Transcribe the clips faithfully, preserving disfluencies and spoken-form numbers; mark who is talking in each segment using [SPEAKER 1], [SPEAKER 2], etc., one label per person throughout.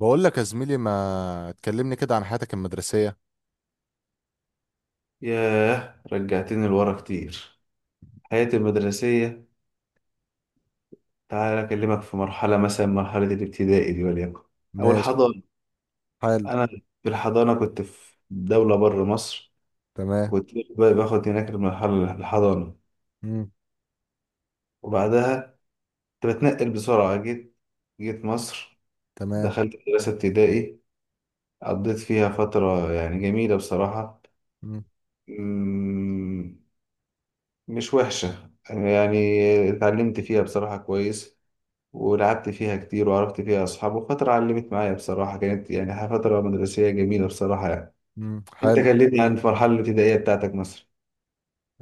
[SPEAKER 1] بقول لك يا زميلي ما تكلمني كده عن حياتك المدرسية.
[SPEAKER 2] ياه، رجعتني لورا كتير. حياتي المدرسية. تعال أكلمك في مرحلة، مثلا مرحلة الابتدائي دي، وليكن أو
[SPEAKER 1] ماشي.
[SPEAKER 2] الحضانة.
[SPEAKER 1] حلو.
[SPEAKER 2] أنا في الحضانة كنت في دولة بره مصر.
[SPEAKER 1] تمام.
[SPEAKER 2] وكنت باخد هناك المرحلة الحضانة.
[SPEAKER 1] مم.
[SPEAKER 2] وبعدها كنت بتنقل بسرعة، جيت جيت مصر.
[SPEAKER 1] تمام.
[SPEAKER 2] دخلت مدرسة ابتدائي، قضيت فيها فترة يعني جميلة بصراحة.
[SPEAKER 1] مم.
[SPEAKER 2] مم، مش وحشة يعني. اتعلمت فيها بصراحة كويس، ولعبت فيها كتير، وعرفت فيها أصحاب، وفترة علمت معايا بصراحة. كانت يعني فترة مدرسية جميلة بصراحة يعني.
[SPEAKER 1] مم.
[SPEAKER 2] أنت
[SPEAKER 1] حلو.
[SPEAKER 2] كلمني عن المرحلة الابتدائية بتاعتك مثلا.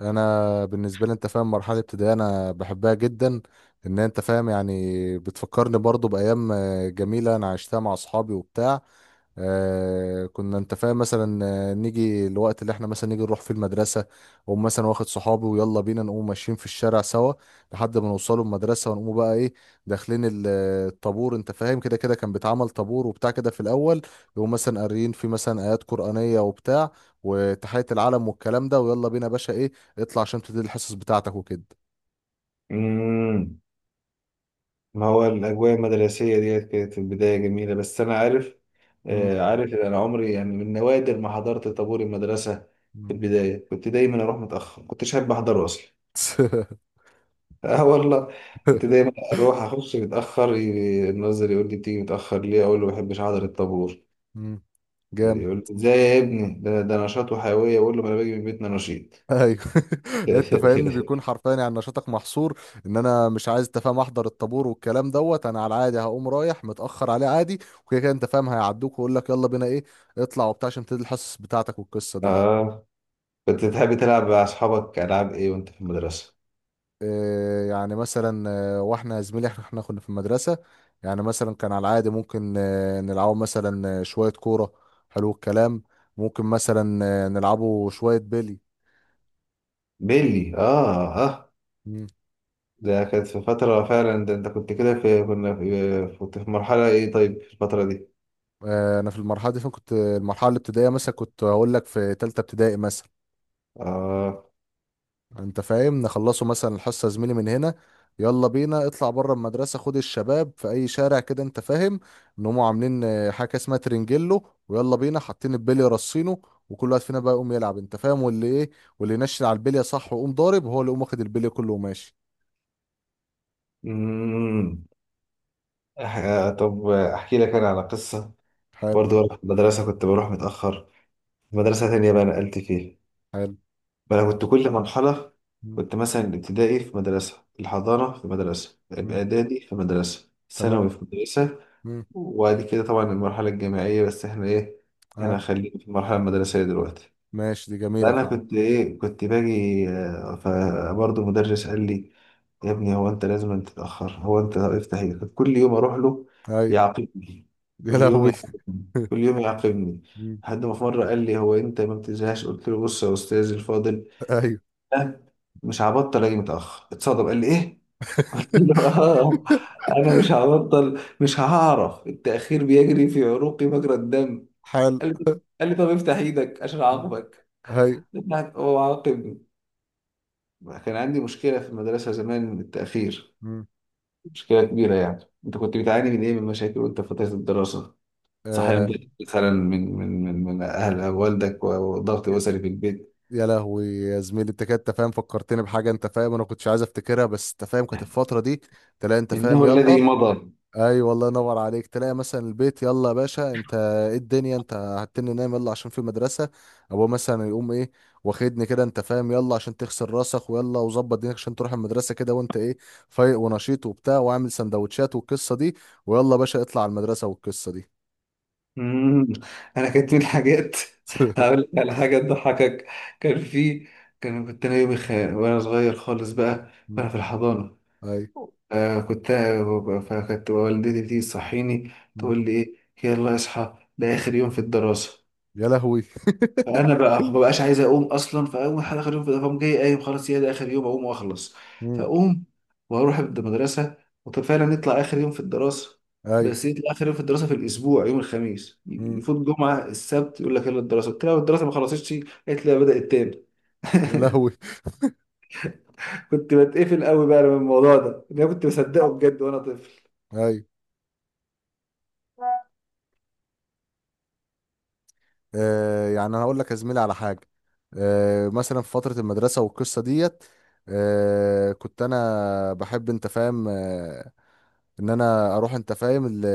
[SPEAKER 1] انا بالنسبه لي انت فاهم مرحله ابتدائيه انا بحبها جدا. ان انت فاهم يعني بتفكرني برضو بايام آه، جميله انا عشتها مع اصحابي وبتاع. آه كنا انت فاهم مثلا آه، نيجي الوقت اللي احنا مثلا نيجي نروح فيه المدرسه، واقوم مثلا واخد صحابي ويلا بينا نقوم ماشيين في الشارع سوا لحد ما نوصلوا المدرسه، ونقوم بقى ايه؟ داخلين ال- الطابور. انت فاهم كده كده كان بيتعمل طابور وبتاع كده في الاول، يقوم مثلا قاريين فيه مثلا ايات قرانيه وبتاع، وتحيه العلم والكلام ده، ويلا بينا يا باشا ايه؟ اطلع عشان تبتدي الحصص بتاعتك وكده.
[SPEAKER 2] امم ما هو الأجواء المدرسية ديت كانت في البداية جميلة، بس أنا عارف،
[SPEAKER 1] مم.
[SPEAKER 2] آه، عارف إن أنا عمري يعني من نوادر ما حضرت طابور المدرسة. في
[SPEAKER 1] مم.
[SPEAKER 2] البداية كنت دايما أروح متأخر، كنتش أحب أحضره أصلا. آه والله. كنت دايما أروح أخش متأخر، ي- الناظر يقول لي بتيجي متأخر ليه؟ أقول له ما بحبش أحضر الطابور.
[SPEAKER 1] مم. جامد.
[SPEAKER 2] يقول له ازاي يا ابني، ده, ده نشاط وحيوية. يقول له ما انا باجي من بيتنا نشيط.
[SPEAKER 1] ايوه. انت فاهمني بيكون حرفيا يعني نشاطك محصور. ان انا مش عايز انت فاهم احضر الطابور والكلام دوت، انا على العادي هقوم رايح متاخر عليه عادي. وكده كده انت فاهم هيعدوك، ويقول لك يلا بينا ايه؟ اطلع وبتاع عشان تبتدي الحصص بتاعتك والقصه دي.
[SPEAKER 2] اه. كنت بتحب تلعب مع اصحابك العاب ايه وانت في المدرسة؟
[SPEAKER 1] إيه يعني مثلا؟ آه، واحنا يا زميلي احنا إحنا كنا في المدرسه، يعني مثلا كان على العادي ممكن آه، نلعبوا مثلا آه، شويه كوره، حلو الكلام، ممكن مثلا آه، نلعبوا شويه بيلي.
[SPEAKER 2] بيلي، اه اه. ده كانت في فترة فعلا، ده انت كنت كده، في كنا في كنت في مرحلة ايه طيب في الفترة دي.
[SPEAKER 1] آه، انا في المرحله دي فين كنت؟ المرحله الابتدائيه مثلا كنت هقول لك في ثالثه ابتدائي مثلا.
[SPEAKER 2] اه.
[SPEAKER 1] انت فاهم نخلصوا مثلا الحصه يا زميلي من هنا، يلا بينا اطلع بره المدرسه، خد الشباب في اي شارع كده انت فاهم، ان هم عاملين آه، حاجه اسمها ترنجيلو، ويلا بينا حاطين البلي رصينه، وكل واحد فينا بقى يقوم يلعب انت فاهم، واللي ايه؟ واللي ينشن على البليه صح ويقوم ضارب، هو اللي يقوم واخد البليه كله وماشي.
[SPEAKER 2] مم. أح- طب احكي لك انا على قصة.
[SPEAKER 1] حلو.
[SPEAKER 2] برضه وأنا في المدرسة كنت بروح متأخر، مدرسة تانية بقى نقلت فيها.
[SPEAKER 1] حلو.
[SPEAKER 2] بقى أنا كنت كل مرحلة،
[SPEAKER 1] مم،
[SPEAKER 2] كنت مثلا الابتدائي في مدرسة، الحضانة في مدرسة،
[SPEAKER 1] مم،
[SPEAKER 2] الإعدادي في مدرسة، ثانوي
[SPEAKER 1] تمام.
[SPEAKER 2] في مدرسة.
[SPEAKER 1] مم،
[SPEAKER 2] وبعد كده طبعا المرحلة الجامعية، بس احنا ايه، احنا
[SPEAKER 1] اه.
[SPEAKER 2] خلينا في المرحلة المدرسية دلوقتي.
[SPEAKER 1] ماشي، دي جميله
[SPEAKER 2] فأنا
[SPEAKER 1] فعلا.
[SPEAKER 2] كنت ايه، كنت باجي، آه، فبرضه مدرس قال لي يا ابني، هو انت لازم أن تتأخر؟ هو انت افتح ايه؟ كل يوم اروح له
[SPEAKER 1] ايوه.
[SPEAKER 2] يعاقبني،
[SPEAKER 1] يا
[SPEAKER 2] كل يوم
[SPEAKER 1] لهوي.
[SPEAKER 2] يعاقبني، كل يوم يعاقبني.
[SPEAKER 1] مم.
[SPEAKER 2] لحد ما في مرة قال لي هو انت ما بتزهقش؟ قلت له بص يا استاذ الفاضل،
[SPEAKER 1] ايوه.
[SPEAKER 2] لا، مش هبطل اجي متاخر. اتصدم، قال لي ايه؟ قلت له اه، انا مش هبطل، مش هعرف، التاخير بيجري في عروقي مجرى الدم.
[SPEAKER 1] حال.
[SPEAKER 2] قال لي قال لي طب افتح ايدك عشان اعاقبك.
[SPEAKER 1] هاي.
[SPEAKER 2] فتحت- هو عاقبني. كان عندي مشكله في المدرسه زمان من التاخير،
[SPEAKER 1] مم.
[SPEAKER 2] مشكله كبيره. يعني انت كنت بتعاني من ايه من مشاكل وانت في فتره الدراسه؟ صحيح،
[SPEAKER 1] آه.
[SPEAKER 2] مثلا من من من من اهل والدك وضغط
[SPEAKER 1] يا،
[SPEAKER 2] اسري في البيت؟
[SPEAKER 1] يا لهوي يا زميلي انت كده انت فاهم فكرتني بحاجه انت فاهم انا كنتش عايز افتكرها، بس انت فاهم كانت الفتره دي تلاقي انت فاهم
[SPEAKER 2] انه
[SPEAKER 1] يلا.
[SPEAKER 2] الذي مضى.
[SPEAKER 1] اي والله ينور عليك. تلاقي مثلا البيت يلا يا باشا انت، ايه الدنيا؟ انت هتني نايم، يلا عشان في مدرسه. ابوه مثلا يقوم ايه؟ واخدني كده انت فاهم، يلا عشان تغسل راسك ويلا وظبط دينك عشان تروح المدرسه كده، وانت ايه؟ فايق ونشيط وبتاع، واعمل سندوتشات والقصه دي، ويلا يا باشا اطلع على المدرسه والقصه دي.
[SPEAKER 2] مم. انا كانت من الحاجات. هقول لك على حاجه تضحكك. كان في، كان كنت انا يومي خ... وانا صغير خالص بقى،
[SPEAKER 1] مم.
[SPEAKER 2] وانا في الحضانه.
[SPEAKER 1] اي.
[SPEAKER 2] آه كنت فكانت والدتي تيجي تصحيني، تقول لي ايه، يلا اصحى ده اخر يوم في الدراسه.
[SPEAKER 1] يا لهوي.
[SPEAKER 2] فانا بقى ما بقاش عايز اقوم اصلا، فاول حاجه اخر يوم في، فقوم جاي قايم خلاص، هي ده اخر يوم، اقوم واخلص.
[SPEAKER 1] مم.
[SPEAKER 2] فاقوم واروح المدرسه، وفعلا نطلع اخر يوم في الدراسه.
[SPEAKER 1] اي.
[SPEAKER 2] بس يطلع اخر يوم في الدراسه في الاسبوع يوم الخميس،
[SPEAKER 1] مم.
[SPEAKER 2] يفوت جمعه السبت يقول لك يلا الدراسه. قلت لها الدراسه ما خلصتش. قالت لي بدات تاني.
[SPEAKER 1] يا لهوي.
[SPEAKER 2] كنت بتقفل قوي بقى من الموضوع ده، إن انا كنت مصدقه بجد وانا طفل.
[SPEAKER 1] اي. آه يعني انا هقول لك يا زميلي على حاجه. آه مثلا في فتره المدرسه والقصه ديت، آه كنت انا بحب انت فاهم آه ان انا اروح انت فاهم ال-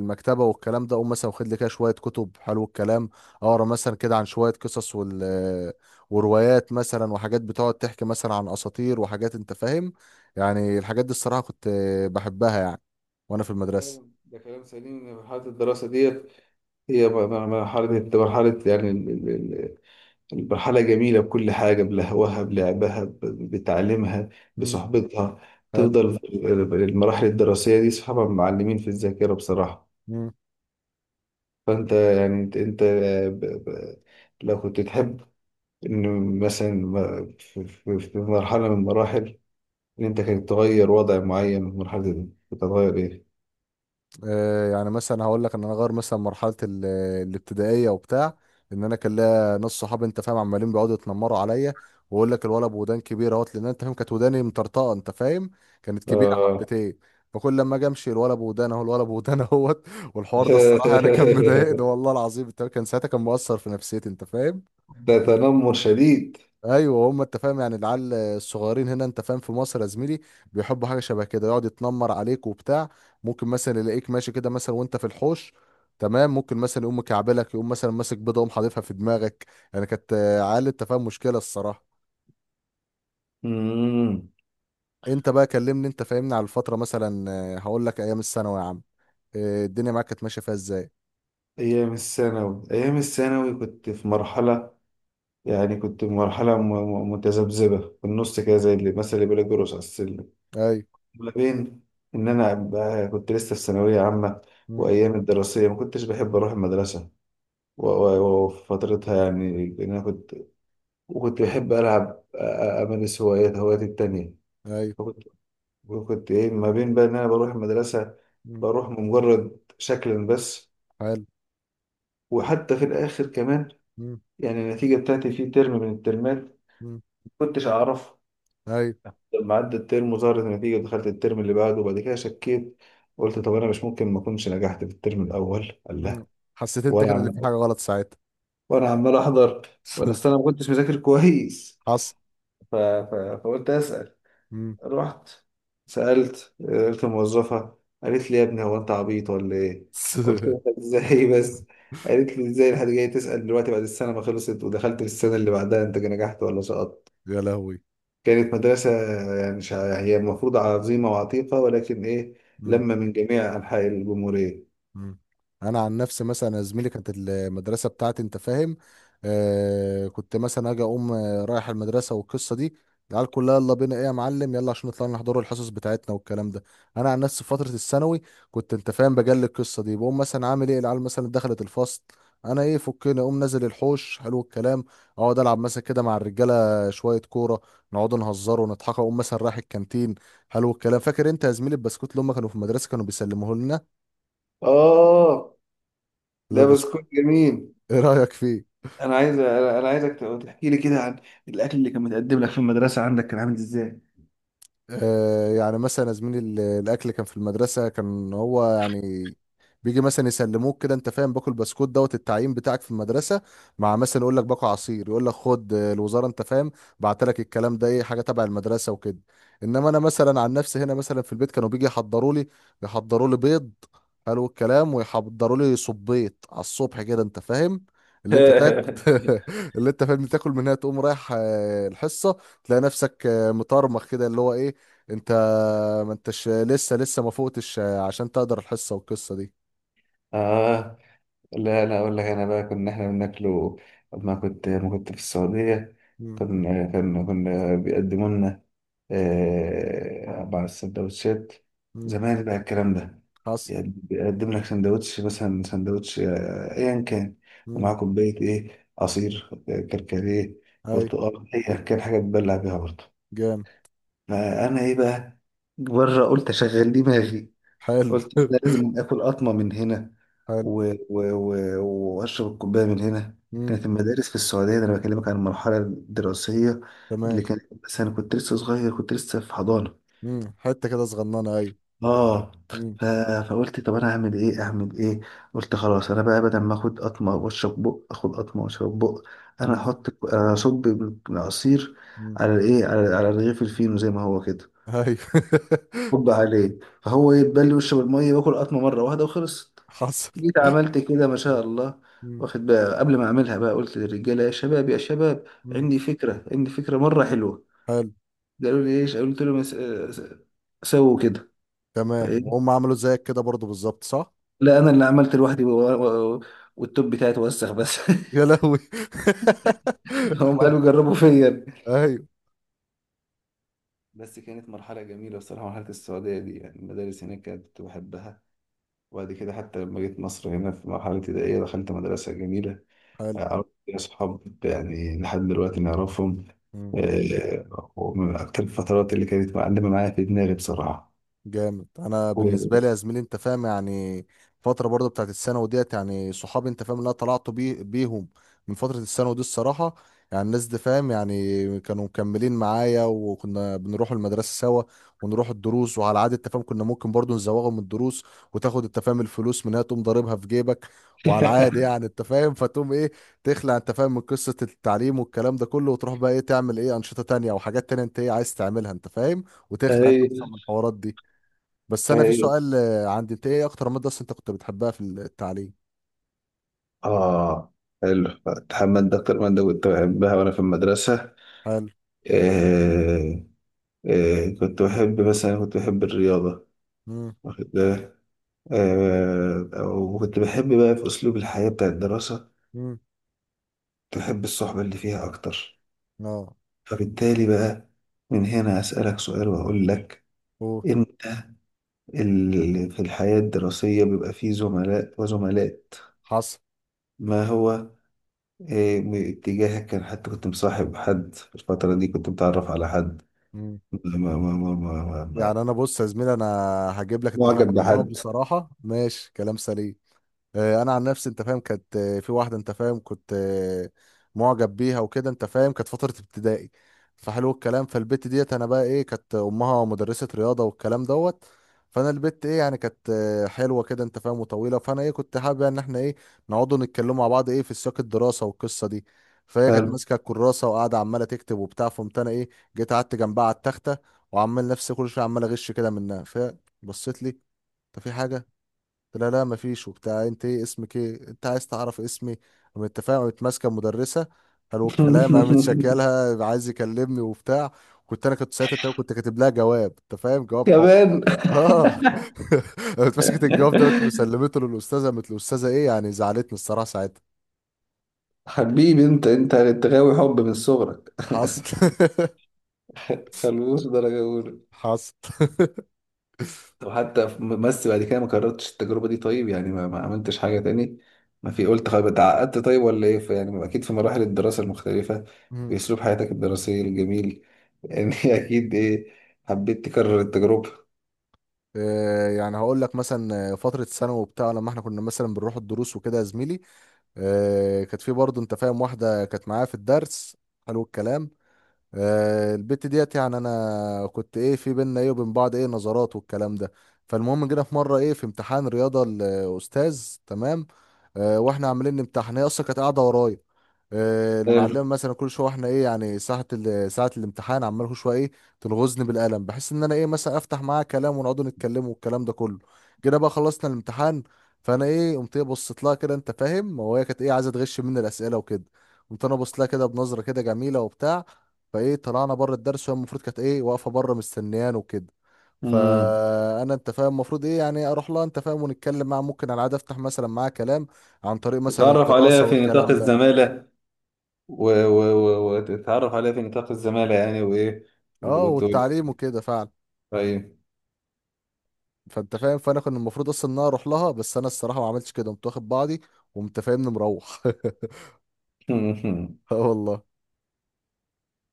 [SPEAKER 1] المكتبه والكلام ده، اقوم مثلا واخد لي كده شويه كتب، حلو الكلام، اقرا مثلا كده عن شويه قصص وال، وروايات مثلا وحاجات بتقعد تحكي مثلا عن اساطير وحاجات انت فاهم. يعني الحاجات دي الصراحه كنت بحبها يعني وانا في المدرسه.
[SPEAKER 2] ده كلام سليم، ان مرحله الدراسه ديت هي م- م- مرحله مرحله يعني. المرحلة جميلة بكل حاجة، بلهوها، بلعبها، ب- بتعليمها، بصحبتها.
[SPEAKER 1] حلو.
[SPEAKER 2] تفضل في المراحل الدراسية دي صحابها معلمين في الذاكرة بصراحة.
[SPEAKER 1] مم.
[SPEAKER 2] فأنت يعني أنت أنت ب- ب- لو كنت تحب إن مثلا م- في في- في مرحلة من المراحل، إن أنت كنت تغير وضع معين من المرحلة دي، كنت هتغير إيه؟
[SPEAKER 1] آه يعني مثلا هقول لك ان انا غير مثلا مرحله ال- الابتدائيه وبتاع، ان انا كان ليا ناس صحابي انت فاهم عمالين بيقعدوا يتنمروا عليا، ويقول لك الولد بودان كبيره اهوت، لان انت فاهم كانت وداني مطرطقه انت فاهم، كانت كبيره
[SPEAKER 2] آه.
[SPEAKER 1] حبتين. فكل لما اجي امشي، الولد بودان اهو، الولد بودان اهوت. والحوار ده الصراحه يعني كان مضايقني والله العظيم انت فاهم؟ كان ساعتها كان مؤثر في نفسيتي انت فاهم.
[SPEAKER 2] ده تنمر شديد.
[SPEAKER 1] ايوه هم انت فاهم يعني العيال الصغيرين هنا انت فاهم في مصر يا زميلي بيحبوا حاجه شبه كده، يقعد يتنمر عليك وبتاع، ممكن مثلا يلاقيك ماشي كده مثلا وانت في الحوش تمام، ممكن مثلا يقوم مكعبلك، يقوم مثلا ماسك بيضه يقوم حاططها في دماغك. يعني كانت آه، عيال انت فاهم مشكله الصراحه.
[SPEAKER 2] مم.
[SPEAKER 1] انت بقى كلمني انت فاهمني على الفتره مثلا، آه، هقول لك ايام الثانوي يا عم، آه، الدنيا معاك كانت ماشيه فيها ازاي؟
[SPEAKER 2] أيام الثانوي، أيام الثانوي كنت في مرحلة، يعني كنت مرحلة م- م- متذبذبة في النص كده، زي اللي مثلا اللي بيقول جرس على السلم.
[SPEAKER 1] ايوه.
[SPEAKER 2] ما بين إن أنا أبقى- كنت لسه في ثانوية عامة،
[SPEAKER 1] مم.
[SPEAKER 2] وأيام الدراسية ما كنتش بحب أروح المدرسة، و- و- وفي فترتها يعني، لأن أنا كنت، وكنت بحب ألعب، أ- أ- أمارس هوايات هواياتي التانية.
[SPEAKER 1] ايوه.
[SPEAKER 2] وكنت، وكنت إيه، ما بين بقى إن أنا بروح المدرسة،
[SPEAKER 1] مم.
[SPEAKER 2] بروح مجرد شكلا بس.
[SPEAKER 1] حلو.
[SPEAKER 2] وحتى في الآخر كمان،
[SPEAKER 1] مم.
[SPEAKER 2] يعني النتيجة بتاعتي في ترم من الترمات،
[SPEAKER 1] مم.
[SPEAKER 2] كنتش أعرف.
[SPEAKER 1] ايوه.
[SPEAKER 2] لما عدى الترم وظهرت النتيجة، دخلت الترم اللي بعده، وبعد كده شكيت. قلت طب أنا مش ممكن ما أكونش نجحت في الترم الأول. قال
[SPEAKER 1] مم.
[SPEAKER 2] لا.
[SPEAKER 1] حسيت انت
[SPEAKER 2] وأنا
[SPEAKER 1] كده اللي في
[SPEAKER 2] عم...
[SPEAKER 1] حاجه غلط ساعتها.
[SPEAKER 2] وأنا عمال أحضر، وأنا أصل أنا ما كنتش مذاكر كويس.
[SPEAKER 1] حصل.
[SPEAKER 2] ف... ف... فقلت أسأل. رحت سألت، قلت الموظفة قالت لي يا ابني هو أنت عبيط ولا إيه؟ قلت لها إزاي بس؟ قالت لي إزاي الحد جاي تسأل دلوقتي بعد السنة ما خلصت ودخلت في السنة اللي بعدها، أنت نجحت ولا سقطت؟
[SPEAKER 1] يا لهوي.
[SPEAKER 2] كانت مدرسة، يعني شع- هي المفروض عظيمة وعتيقة، ولكن إيه،
[SPEAKER 1] مم.
[SPEAKER 2] لما من جميع أنحاء الجمهورية.
[SPEAKER 1] مم. انا عن نفسي مثلا يا زميلي كانت المدرسه بتاعتي انت فاهم، آه كنت مثلا اجي اقوم آه، رايح المدرسه والقصه دي، العيال كلها يلا بينا ايه يا معلم، يلا عشان نطلع نحضروا الحصص بتاعتنا والكلام ده. انا عن نفسي في فتره الثانوي كنت انت فاهم بجلي القصه دي، بقوم مثلا عامل ايه، العيال مثلا دخلت الفصل، انا ايه؟ فكني اقوم نازل الحوش، حلو الكلام، اقعد العب مثلا كده مع الرجاله شويه كوره، نقعد نهزر ونضحك، اقوم مثلا رايح الكانتين، حلو الكلام. فاكر انت يا زميلي البسكوت اللي هم كانوا في المدرسه كانوا بيسلموه
[SPEAKER 2] آه، ده
[SPEAKER 1] لنا؟
[SPEAKER 2] بسكوت جميل.
[SPEAKER 1] ايه رايك فيه؟
[SPEAKER 2] أنا عايز أنا أنا عايزك تحكي لي كده عن الأكل اللي كان متقدم لك في المدرسة عندك، كان عامل إزاي؟
[SPEAKER 1] آه، يعني مثلا يا زميلي ال- الاكل كان في المدرسه كان هو يعني بيجي مثلا يسلموك كده انت فاهم، باكل بسكوت دوت التعيين بتاعك في المدرسه، مع مثلا يقول لك باكل عصير، يقول لك خد آه، الوزاره انت فاهم بعت لك الكلام ده، ايه حاجه تبع المدرسه وكده. انما انا مثلا عن نفسي هنا مثلا في البيت كانوا بيجي يحضروا لي، يحضروا لي بيض، حلو الكلام، ويحضروا لي صبيط على الصبح كده انت فاهم، اللي انت تاكل. اللي انت فاهم تاكل منها، تقوم رايح آه، الحصه، تلاقي نفسك آه، مطرمخ كده، اللي هو ايه؟ انت ما انتش لسه لسه ما فوقتش عشان تقدر الحصة والقصة دي.
[SPEAKER 2] آه آه. لا لا، اقول لك انا بقى كنا احنا بناكله لما كنت، لما كنت في السعوديه،
[SPEAKER 1] مم.
[SPEAKER 2] كنا كنا كنا بيقدموا لنا، آه، مع السندوتشات
[SPEAKER 1] مم.
[SPEAKER 2] زمان بقى الكلام ده.
[SPEAKER 1] حصل.
[SPEAKER 2] يعني بيقدم لك سندوتش، مثلا سندوتش، آه، ايا كان،
[SPEAKER 1] مم.
[SPEAKER 2] ومعاه كوبايه ايه عصير، آه، كركديه،
[SPEAKER 1] اي.
[SPEAKER 2] برتقال، ايا كان، حاجه تبلع بيها برضه.
[SPEAKER 1] جامد.
[SPEAKER 2] فانا ايه بقى، بره، قلت اشغل دماغي.
[SPEAKER 1] حلو.
[SPEAKER 2] قلت أنا لازم آكل قطمة من هنا،
[SPEAKER 1] حلو.
[SPEAKER 2] و... و... و... وأشرب الكوباية من هنا.
[SPEAKER 1] مم.
[SPEAKER 2] كانت المدارس في السعودية، ده أنا بكلمك عن المرحلة الدراسية
[SPEAKER 1] تمام.
[SPEAKER 2] اللي كانت، بس أنا كنت لسه صغير، كنت لسه في حضانة.
[SPEAKER 1] مم. حتة كده صغننة. ايوه.
[SPEAKER 2] اه.
[SPEAKER 1] مم.
[SPEAKER 2] ف... فقلت طب انا اعمل ايه، اعمل ايه. قلت خلاص انا بقى، بدل ما اخد قطمه واشرب بق، اخد قطمه واشرب بق، انا
[SPEAKER 1] مم.
[SPEAKER 2] احط، اصب العصير
[SPEAKER 1] مم.
[SPEAKER 2] على الايه، على على رغيف الفينو زي ما هو كده،
[SPEAKER 1] ايوه.
[SPEAKER 2] هوب عليه، فهو
[SPEAKER 1] مم.
[SPEAKER 2] يتبل ويشرب المية وياكل قطمة مرة واحدة وخلصت.
[SPEAKER 1] حصل.
[SPEAKER 2] جيت عملت كده ما شاء الله.
[SPEAKER 1] مم.
[SPEAKER 2] واخد بقى، قبل ما اعملها بقى، قلت للرجاله يا شباب، يا شباب،
[SPEAKER 1] مم.
[SPEAKER 2] عندي فكره، عندي فكره مره حلوه.
[SPEAKER 1] حلو.
[SPEAKER 2] قالوا لي ايش؟ قلت لهم "س- س- سووا كده".
[SPEAKER 1] تمام،
[SPEAKER 2] فايه،
[SPEAKER 1] وهم عملوا زيك كده برضو بالظبط صح؟
[SPEAKER 2] لا انا اللي عملت لوحدي، و- و- والتوب بتاعي اتوسخ بس.
[SPEAKER 1] يا لهوي.
[SPEAKER 2] هم قالوا جربوا فيا.
[SPEAKER 1] ايوه.
[SPEAKER 2] بس كانت مرحله جميله بصراحه، مرحله السعوديه دي. يعني المدارس هناك كانت، كنت بحبها. وبعد كده حتى لما جيت مصر هنا في مرحله ابتدائيه، دخلت مدرسه جميله،
[SPEAKER 1] حلو.
[SPEAKER 2] عرفت فيها أصحاب يعني لحد دلوقتي نعرفهم. آه، ومن أكتر الفترات اللي كانت معلمة معايا في دماغي بصراحة.
[SPEAKER 1] جامد. انا بالنسبه لي يا زميلي انت فاهم يعني فتره برضه بتاعت الثانوي ديت، يعني صحابي انت فاهم اللي انا طلعت بيه بيهم من فتره الثانوي دي الصراحه، يعني الناس دي فاهم يعني كانوا مكملين معايا، وكنا بنروح المدرسه سوا، ونروح الدروس، وعلى عاده التفاهم كنا ممكن برضه نزوغهم من الدروس، وتاخد التفاهم الفلوس منها تقوم ضاربها في جيبك، وعلى العاده يعني انت فاهم، فتقوم ايه؟ تخلع انت فاهم من قصه التعليم والكلام ده كله، وتروح بقى ايه، تعمل ايه؟ انشطه تانية او حاجات تانية انت ايه عايز تعملها انت فاهم، وتخلع انت
[SPEAKER 2] أي
[SPEAKER 1] اصلا من الحوارات دي. بس انا في
[SPEAKER 2] أي.
[SPEAKER 1] سؤال آه، عندي، انت ايه اكتر ماده اصلا انت كنت بتحبها في التعليم؟
[SPEAKER 2] آه، حلو. محمد، ده أكتر مادة كنت بحبها وأنا في المدرسة.
[SPEAKER 1] حلو.
[SPEAKER 2] آه آه. كنت بحب مثلا، كنت بحب الرياضة.
[SPEAKER 1] امم.
[SPEAKER 2] واخد بالك. آه، وكنت بحب بقى في أسلوب الحياة بتاع الدراسة،
[SPEAKER 1] امم.
[SPEAKER 2] كنت بحب الصحبة اللي فيها أكتر.
[SPEAKER 1] اه.
[SPEAKER 2] فبالتالي بقى من هنا أسألك سؤال وأقول لك،
[SPEAKER 1] أوه.
[SPEAKER 2] انت، ال- في الحياة الدراسية بيبقى فيه زملاء وزملاء.
[SPEAKER 1] حصل.
[SPEAKER 2] ما هو إيه، م- اتجاهك كان، حتى كنت مصاحب حد في الفترة دي؟ كنت متعرف على حد؟
[SPEAKER 1] مم.
[SPEAKER 2] ما ما ما ما ما ما ما-
[SPEAKER 1] يعني انا بص يا زميلي، انا هجيب لك اتفاق
[SPEAKER 2] معجب بحد؟
[SPEAKER 1] بصراحه، ماشي كلام سليم. آه، انا عن نفسي انت فاهم كانت آه، في واحده انت فاهم كنت آه، معجب بيها وكده انت فاهم، كانت فتره ابتدائي، فحلو الكلام. فالبت ديت انا بقى ايه، كانت امها مدرسه رياضه والكلام دوت، فانا البت ايه يعني كانت آه، حلوه كده انت فاهم وطويله، فانا ايه كنت حابب يعني ان احنا ايه، نقعدوا نتكلموا مع بعض ايه في سياق الدراسه والقصه دي. فهي كانت
[SPEAKER 2] هل
[SPEAKER 1] ماسكه الكراسه وقاعده عماله تكتب وبتاع، فقمت انا ايه، جيت قعدت جنبها على التخته، وعمال نفسي كل شويه عمال اغش كده منها. فهي بصيت لي، انت في حاجه؟ قلت لها لا مفيش وبتاع، انت ايه اسمك، ايه انت عايز تعرف اسمي؟ قام التفاهم قامت ماسكه المدرسه، قالوا الكلام، قامت شكلها عايز يكلمني وبتاع. كنت انا كنت ساعتها تقريباً كنت كاتب لها جواب انت فاهم، جواب حب.
[SPEAKER 2] كمان.
[SPEAKER 1] اه. قامت مسكت الجواب ده، قامت مسلمته للاستاذه، قامت الاستاذه ايه يعني زعلتني الصراحه ساعتها.
[SPEAKER 2] حبيبي، انت انت انت غاوي حب من صغرك.
[SPEAKER 1] حصل.
[SPEAKER 2] خلوص درجة أولى.
[SPEAKER 1] حصل.
[SPEAKER 2] طب حتى في- بس بعد كده ما كررتش التجربة دي طيب؟ يعني ما, ما عملتش حاجة تاني. ما في، قلت خلاص اتعقدت طيب ولا ايه، في يعني أكيد في مراحل الدراسة المختلفة في
[SPEAKER 1] مم.
[SPEAKER 2] أسلوب حياتك الدراسية الجميل، يعني أكيد ايه، حبيت تكرر التجربة.
[SPEAKER 1] آه، يعني هقول لك مثلا آه، فترة ثانوي وبتاع لما احنا كنا مثلا بنروح الدروس وكده يا زميلي، آه، كانت في برضه انت فاهم واحده كانت معايا في الدرس، حلو الكلام. آه، البت ديت يعني انا كنت ايه، في بينا ايه وبين بعض ايه نظرات والكلام ده. فالمهم جينا في مره ايه في امتحان رياضه الاستاذ تمام، آه، واحنا عاملين امتحان هي اصلا كانت قاعده ورايا، آه،
[SPEAKER 2] حلو.
[SPEAKER 1] المعلمه مثلا كل شويه واحنا ايه يعني، ساعه ال- ساعه الامتحان عمال كل شويه ايه، تلغزني بالقلم بحيث ان انا ايه مثلا افتح معاها كلام ونقعدوا نتكلموا والكلام ده كله. جينا بقى خلصنا الامتحان، فانا ايه قمت ايه بصيت لها كده انت فاهم، وهي كانت ايه عايزه تغش مني الاسئله وكده، قمت انا بصيت لها كده بنظره كده جميله وبتاع. فايه، طلعنا بره الدرس، وهي المفروض كانت ايه واقفه بره مستنيان وكده،
[SPEAKER 2] امم
[SPEAKER 1] فانا انت فاهم المفروض ايه يعني اروح لها انت فاهم ونتكلم معاها، ممكن على العاده افتح مثلا معاها كلام عن طريق مثلا
[SPEAKER 2] تتعرف عليها
[SPEAKER 1] الدراسه
[SPEAKER 2] في نطاق
[SPEAKER 1] والكلام ده.
[SPEAKER 2] الزمالة، و... و... و... وتتعرف عليها في نطاق الزمالة يعني، وإيه، وت-
[SPEAKER 1] اه
[SPEAKER 2] وتقول
[SPEAKER 1] والتعليم وكده فعلا.
[SPEAKER 2] طيب.
[SPEAKER 1] فانت فاهم، فانا كان المفروض اصلا ان انا اروح لها، بس انا الصراحه ما عملتش كده، قمت واخد بعضي وقمت فاهمني مروح. اه والله.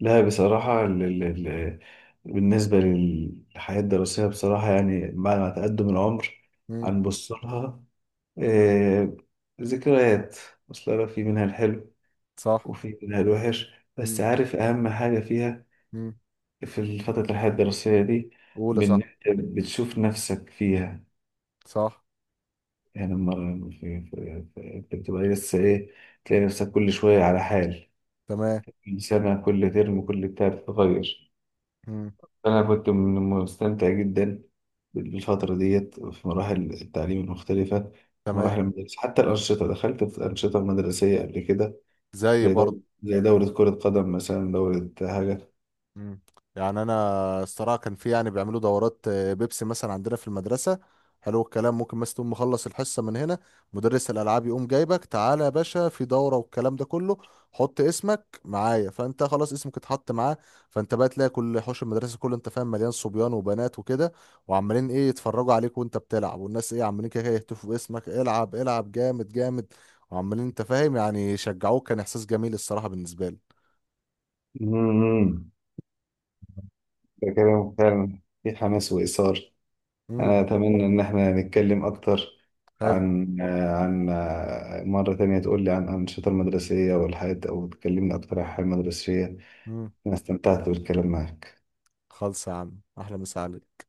[SPEAKER 2] لا بصراحة، ال ال ال بالنسبة للحياة الدراسية بصراحة، يعني بعد ما تقدم العمر
[SPEAKER 1] امم.
[SPEAKER 2] هنبص لها، آه، ذكريات. أصل أنا في منها الحلو،
[SPEAKER 1] صح.
[SPEAKER 2] وفي منها الوحش. بس
[SPEAKER 1] امم.
[SPEAKER 2] عارف أهم حاجة فيها
[SPEAKER 1] امم.
[SPEAKER 2] في فترة الحياة الدراسية دي،
[SPEAKER 1] اولى
[SPEAKER 2] بإن
[SPEAKER 1] صح.
[SPEAKER 2] أنت بتشوف نفسك فيها،
[SPEAKER 1] صح.
[SPEAKER 2] يعني لما في- في- في- أنت بتبقى لسه إيه، تلاقي نفسك كل شوية على حال،
[SPEAKER 1] تمام.
[SPEAKER 2] كل سنة، كل ترم، كل بتاع بتتغير.
[SPEAKER 1] امم.
[SPEAKER 2] أنا كنت من- مستمتع جدا بالفترة ديت في مراحل التعليم المختلفة،
[SPEAKER 1] تمام.
[SPEAKER 2] ومراحل المدارس. حتى الأنشطة، دخلت في أنشطة مدرسية قبل كده،
[SPEAKER 1] زي
[SPEAKER 2] زي دورة
[SPEAKER 1] برضه.
[SPEAKER 2] زي دورة كرة قدم مثلا، دورة حاجة.
[SPEAKER 1] مم. يعني انا الصراحه كان في يعني بيعملوا دورات آه، بيبسي مثلا عندنا في المدرسه، حلو الكلام، ممكن مثلا تقوم مخلص الحصه من هنا، مدرس الالعاب يقوم جايبك تعالى يا باشا في دوره والكلام ده كله، حط اسمك معايا، فانت خلاص اسمك اتحط معاه. فانت بقى تلاقي كل حوش المدرسه كله انت فاهم مليان صبيان وبنات وكده، وعمالين ايه يتفرجوا عليك وانت بتلعب، والناس ايه عمالين كده إيه، يهتفوا باسمك، العب العب جامد جامد، وعمالين انت فاهم يعني يشجعوك. كان احساس جميل الصراحه بالنسبه لي.
[SPEAKER 2] مم. ده كلام فعلا في حماس وإثار.
[SPEAKER 1] امم.
[SPEAKER 2] أنا أتمنى إن إحنا نتكلم أكتر
[SPEAKER 1] حلو.
[SPEAKER 2] عن آه، عن آه، مرة تانية تقول لي عن الأنشطة المدرسية والحياة، أو تكلمني أكتر عن الحياة المدرسية.
[SPEAKER 1] مم.
[SPEAKER 2] أنا استمتعت بالكلام معك.
[SPEAKER 1] خالص يا عم، احلى مسا عليك.